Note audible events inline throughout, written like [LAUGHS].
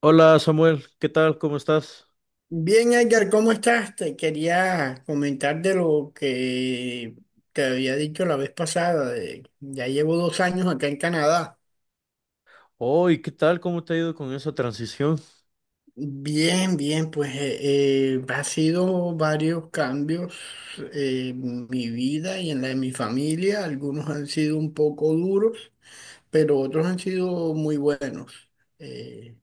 Hola Samuel, ¿qué tal? ¿Cómo estás? Bien, Edgar, ¿cómo estás? Te quería comentar de lo que te había dicho la vez pasada. Ya llevo 2 años acá en Canadá. Oh, ¿y qué tal? ¿Cómo te ha ido con esa transición? Bien, bien, pues ha sido varios cambios en mi vida y en la de mi familia. Algunos han sido un poco duros, pero otros han sido muy buenos. Eh,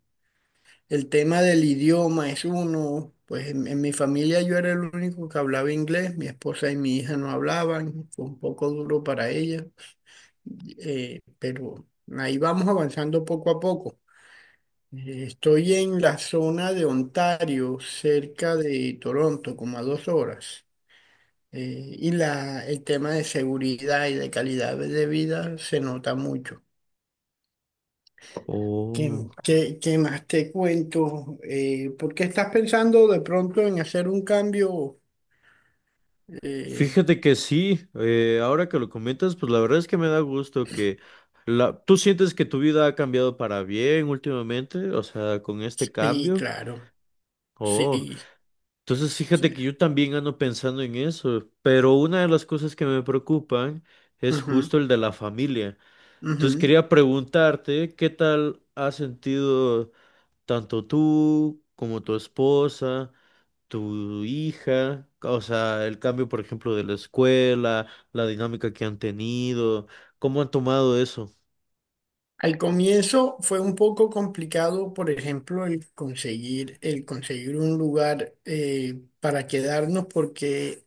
El tema del idioma es uno, pues en mi familia yo era el único que hablaba inglés, mi esposa y mi hija no hablaban, fue un poco duro para ellas, pero ahí vamos avanzando poco a poco. Estoy en la zona de Ontario, cerca de Toronto, como a 2 horas, y el tema de seguridad y de calidad de vida se nota mucho. ¿Qué, Oh, qué más te cuento? ¿Por qué estás pensando de pronto en hacer un cambio? Eh, fíjate que sí, ahora que lo comentas, pues la verdad es que me da gusto. ¿Tú sientes que tu vida ha cambiado para bien últimamente? O sea, con este sí, cambio. claro, Oh, sí, entonces sí. fíjate que yo también ando pensando en eso, pero una de las cosas que me preocupan es Ujú, justo el de la familia. Entonces ujú. quería preguntarte, ¿qué tal has sentido tanto tú como tu esposa, tu hija? O sea, el cambio, por ejemplo, de la escuela, la dinámica que han tenido, ¿cómo han tomado eso? Al comienzo fue un poco complicado, por ejemplo, el conseguir un lugar para quedarnos, porque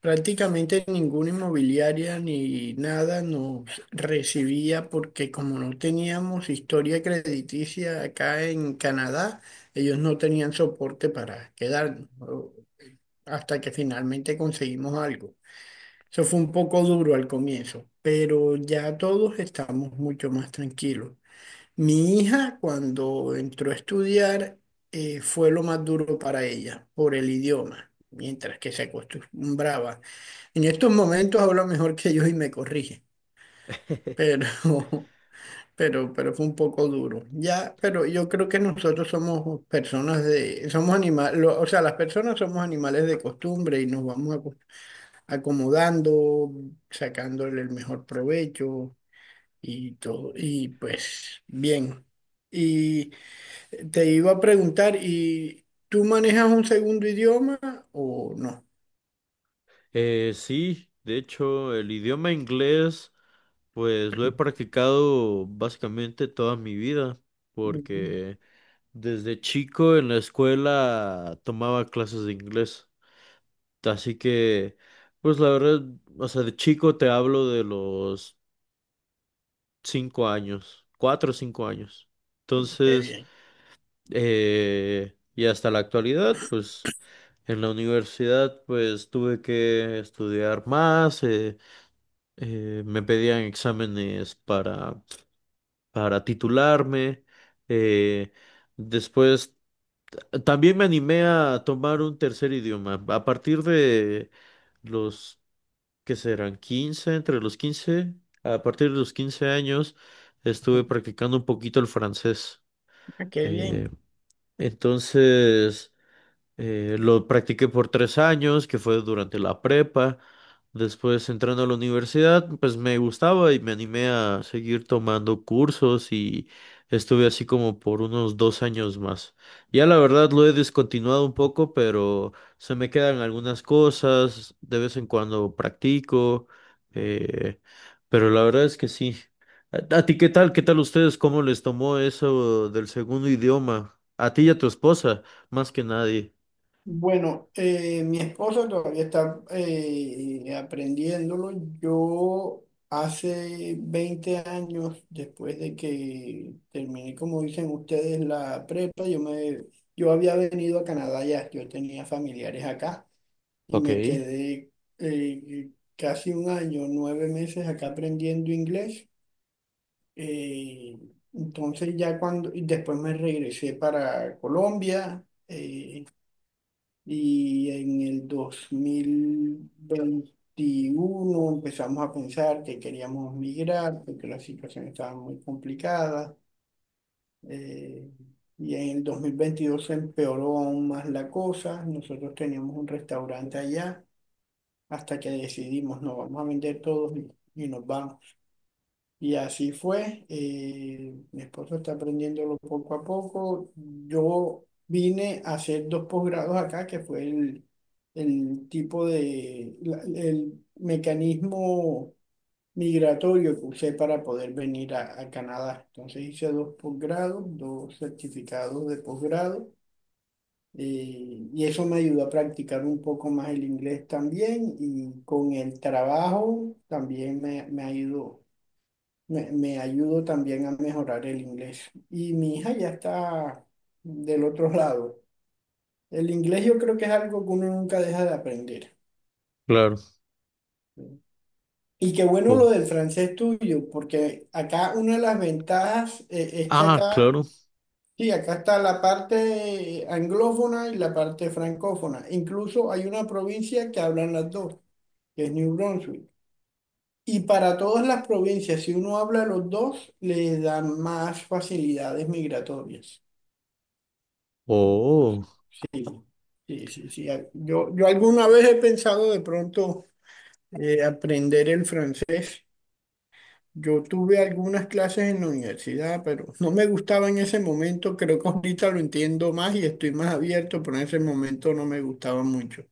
prácticamente ninguna inmobiliaria ni nada nos recibía porque, como no teníamos historia crediticia acá en Canadá, ellos no tenían soporte para quedarnos, hasta que finalmente conseguimos algo. Eso fue un poco duro al comienzo, pero ya todos estamos mucho más tranquilos. Mi hija, cuando entró a estudiar, fue lo más duro para ella por el idioma, mientras que se acostumbraba. En estos momentos habla mejor que yo y me corrige, pero, [LAUGHS] pero fue un poco duro. Ya, pero yo creo que nosotros somos personas somos animales, o sea, las personas somos animales de costumbre y nos vamos acomodando, sacándole el mejor provecho y todo, y pues bien. Y te iba a preguntar, ¿y tú manejas un segundo idioma o no? Sí, de hecho, el idioma inglés, pues lo he practicado básicamente toda mi vida, Mm. porque desde chico en la escuela tomaba clases de inglés, así que, pues la verdad, o sea, de chico te hablo de los 5 años, 4 o 5 años. Qué Entonces, bien. Y hasta la actualidad, pues en la universidad, pues tuve que estudiar más, me pedían exámenes para, titularme. eh, Después, también me animé a tomar un tercer idioma. A partir de los que serán 15 entre los 15 a partir de los 15 años estuve practicando un poquito el francés. Ah, qué bien. Eh, entonces, lo practiqué por 3 años, que fue durante la prepa. Después entrando a la universidad, pues me gustaba y me animé a seguir tomando cursos y estuve así como por unos 2 años más. Ya la verdad lo he descontinuado un poco, pero se me quedan algunas cosas, de vez en cuando practico, eh, pero la verdad es que sí. ¿A ti qué tal? ¿Qué tal ustedes? ¿Cómo les tomó eso del segundo idioma? A ti y a tu esposa, más que nadie. Bueno, mi esposa todavía está aprendiéndolo. Yo, hace 20 años, después de que terminé, como dicen ustedes, la prepa, yo había venido a Canadá ya, yo tenía familiares acá. Y Ok, me quedé eh, casi un año, 9 meses, acá aprendiendo inglés. Eh, entonces, ya, y después me regresé para Colombia, y en el 2021 empezamos a pensar que queríamos migrar porque la situación estaba muy complicada. eh, y en el 2022 se empeoró aún más la cosa. Nosotros teníamos un restaurante allá, hasta que decidimos, no, vamos a vender todos, y nos vamos. Y así fue. Mi esposo está aprendiéndolo poco a poco. Yo vine a hacer dos posgrados acá, que fue el tipo de, el mecanismo migratorio que usé para poder venir a Canadá. Entonces hice dos posgrados, dos certificados de posgrado. Y eso me ayudó a practicar un poco más el inglés también, y con el trabajo también me ayudó, me ayudó también a mejorar el inglés. Y mi hija ya está del otro lado. El inglés, yo creo que es algo que uno nunca deja de aprender. claro. Y qué bueno Oh, lo del francés tuyo, porque acá una de las ventajas, es que ah, acá. claro. Sí, acá está la parte anglófona y la parte francófona. Incluso hay una provincia que hablan las dos, que es New Brunswick. Y para todas las provincias, si uno habla los dos, le dan más facilidades migratorias. Oh, Entonces, sí, sí, sí. Yo alguna vez he pensado de pronto aprender el francés. Yo tuve algunas clases en la universidad, pero no me gustaba en ese momento. Creo que ahorita lo entiendo más y estoy más abierto, pero en ese momento no me gustaba mucho.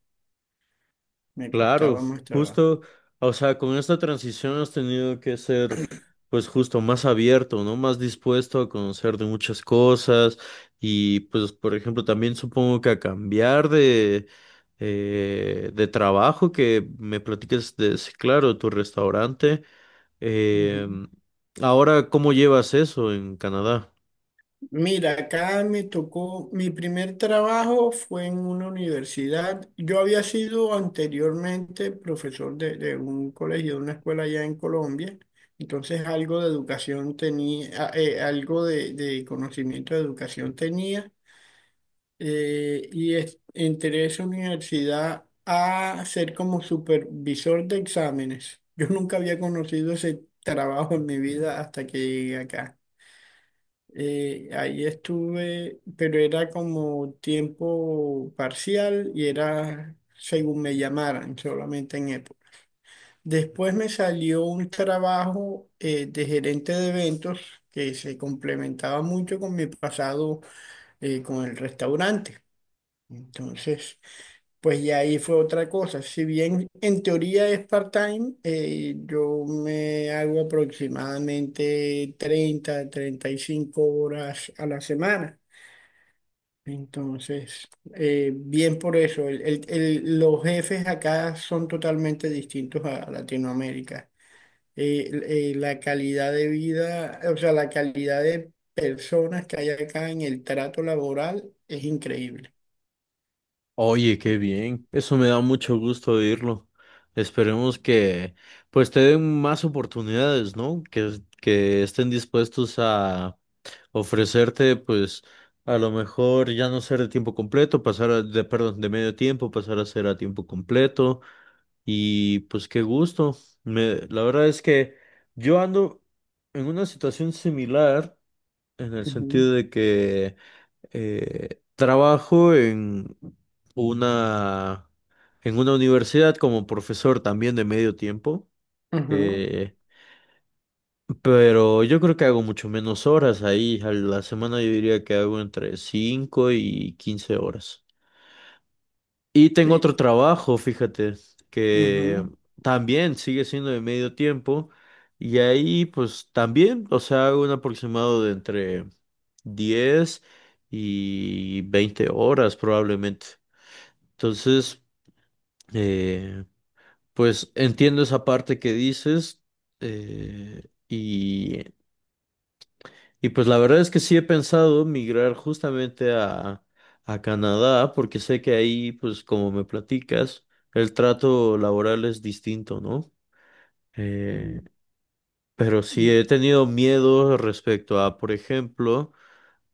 Me claro. costaba más trabajo. Justo, o sea, con esta transición has tenido que ser, pues justo más abierto, ¿no? Más dispuesto a conocer de muchas cosas y, pues, por ejemplo, también supongo que a cambiar de trabajo que me platiques de, sí, claro, tu restaurante. Eh, Ujú. Ahora, ¿cómo llevas eso en Canadá? Mira, acá me tocó, mi primer trabajo fue en una universidad. Yo había sido anteriormente profesor de un colegio, de una escuela allá en Colombia. Entonces algo de educación tenía, algo de conocimiento de educación tenía. Y entré a esa universidad a ser como supervisor de exámenes. [LAUGHS] Yo nunca había conocido ese trabajo en mi vida hasta que llegué acá. Ahí estuve, pero era como tiempo parcial y era según me llamaran, solamente en época. Después me salió un trabajo de gerente de eventos, que se complementaba mucho con mi pasado, con el restaurante. Entonces, pues ya ahí fue otra cosa. Si bien en teoría es part-time, yo me hago aproximadamente 30, 35 horas a la semana. Entonces, bien por eso, los jefes acá son totalmente distintos a Latinoamérica. Eh, la calidad de vida, o sea, la calidad de personas que hay acá en el trato laboral es increíble. Oye, qué bien. Eso me da mucho gusto oírlo. Esperemos que pues te den más oportunidades, ¿no? Que estén dispuestos a ofrecerte pues a lo mejor ya no ser de tiempo completo, pasar de, perdón, de medio tiempo, pasar a ser a tiempo completo. Y pues qué gusto. La verdad es que yo ando en una situación similar en el Ujú. sentido de que trabajo una, en una universidad como profesor también de medio tiempo, Ujú, eh, pero yo creo que hago mucho menos horas ahí. A la semana yo diría que hago entre 5 y 15 horas. Y tengo sí. otro trabajo, fíjate, que Ujú. también sigue siendo de medio tiempo. Y ahí pues también, o sea, hago un aproximado de entre 10 y 20 horas probablemente. Entonces, eh, pues entiendo esa parte que dices eh, y, y pues la verdad es que sí he pensado migrar justamente a Canadá porque sé que ahí, pues como me platicas, el trato laboral es distinto, ¿no? Y Eh, pero sí y he tenido miedo respecto a, por ejemplo,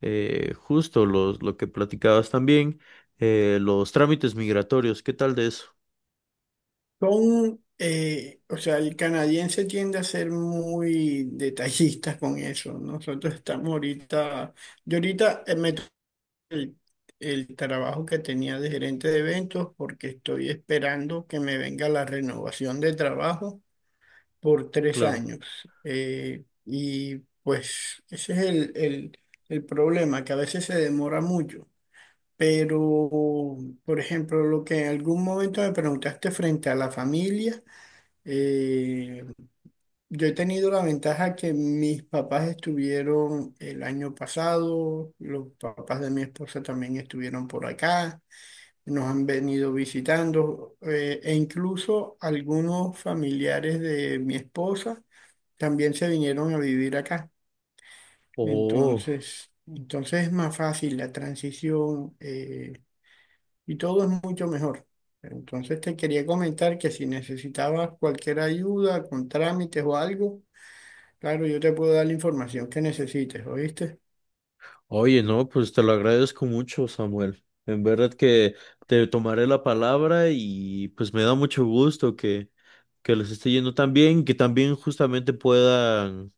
justo lo que platicabas también, los trámites migratorios, ¿qué tal de eso? son, o sea, el canadiense tiende a ser muy detallista con eso, ¿no? Nosotros estamos ahorita, yo ahorita, el, el trabajo que tenía de gerente de eventos, porque estoy esperando que me venga la renovación de trabajo por tres Claro. años. Y pues ese es el problema, que a veces se demora mucho. Pero, por ejemplo, lo que en algún momento me preguntaste frente a la familia, eh, yo he tenido la ventaja que mis papás estuvieron el año pasado, los papás de mi esposa también estuvieron por acá, nos han venido visitando, e incluso algunos familiares de mi esposa también se vinieron a vivir acá. Oh. Entonces, entonces es más fácil la transición. Y todo es mucho mejor. Entonces te quería comentar que, si necesitabas cualquier ayuda con trámites o algo, claro, yo te puedo dar la información que necesites, ¿oíste? Oye, no, pues te lo agradezco mucho, Samuel. En verdad que te tomaré la palabra y pues me da mucho gusto que les esté yendo tan bien, que también justamente puedan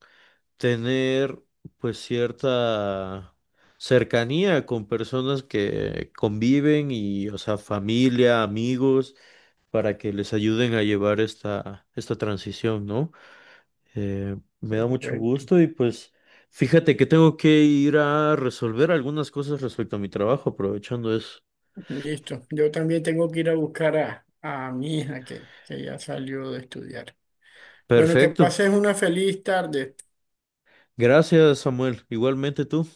tener pues cierta cercanía con personas que conviven y, o sea, familia, amigos, para que les ayuden a llevar esta transición, ¿no? Me da mucho Perfecto. gusto y pues fíjate que tengo que ir a resolver algunas cosas respecto a mi trabajo, aprovechando eso. Listo. Yo también tengo que ir a buscar a mi hija, que ya salió de estudiar. Bueno, que Perfecto. pases una feliz tarde. Gracias, Samuel. Igualmente tú.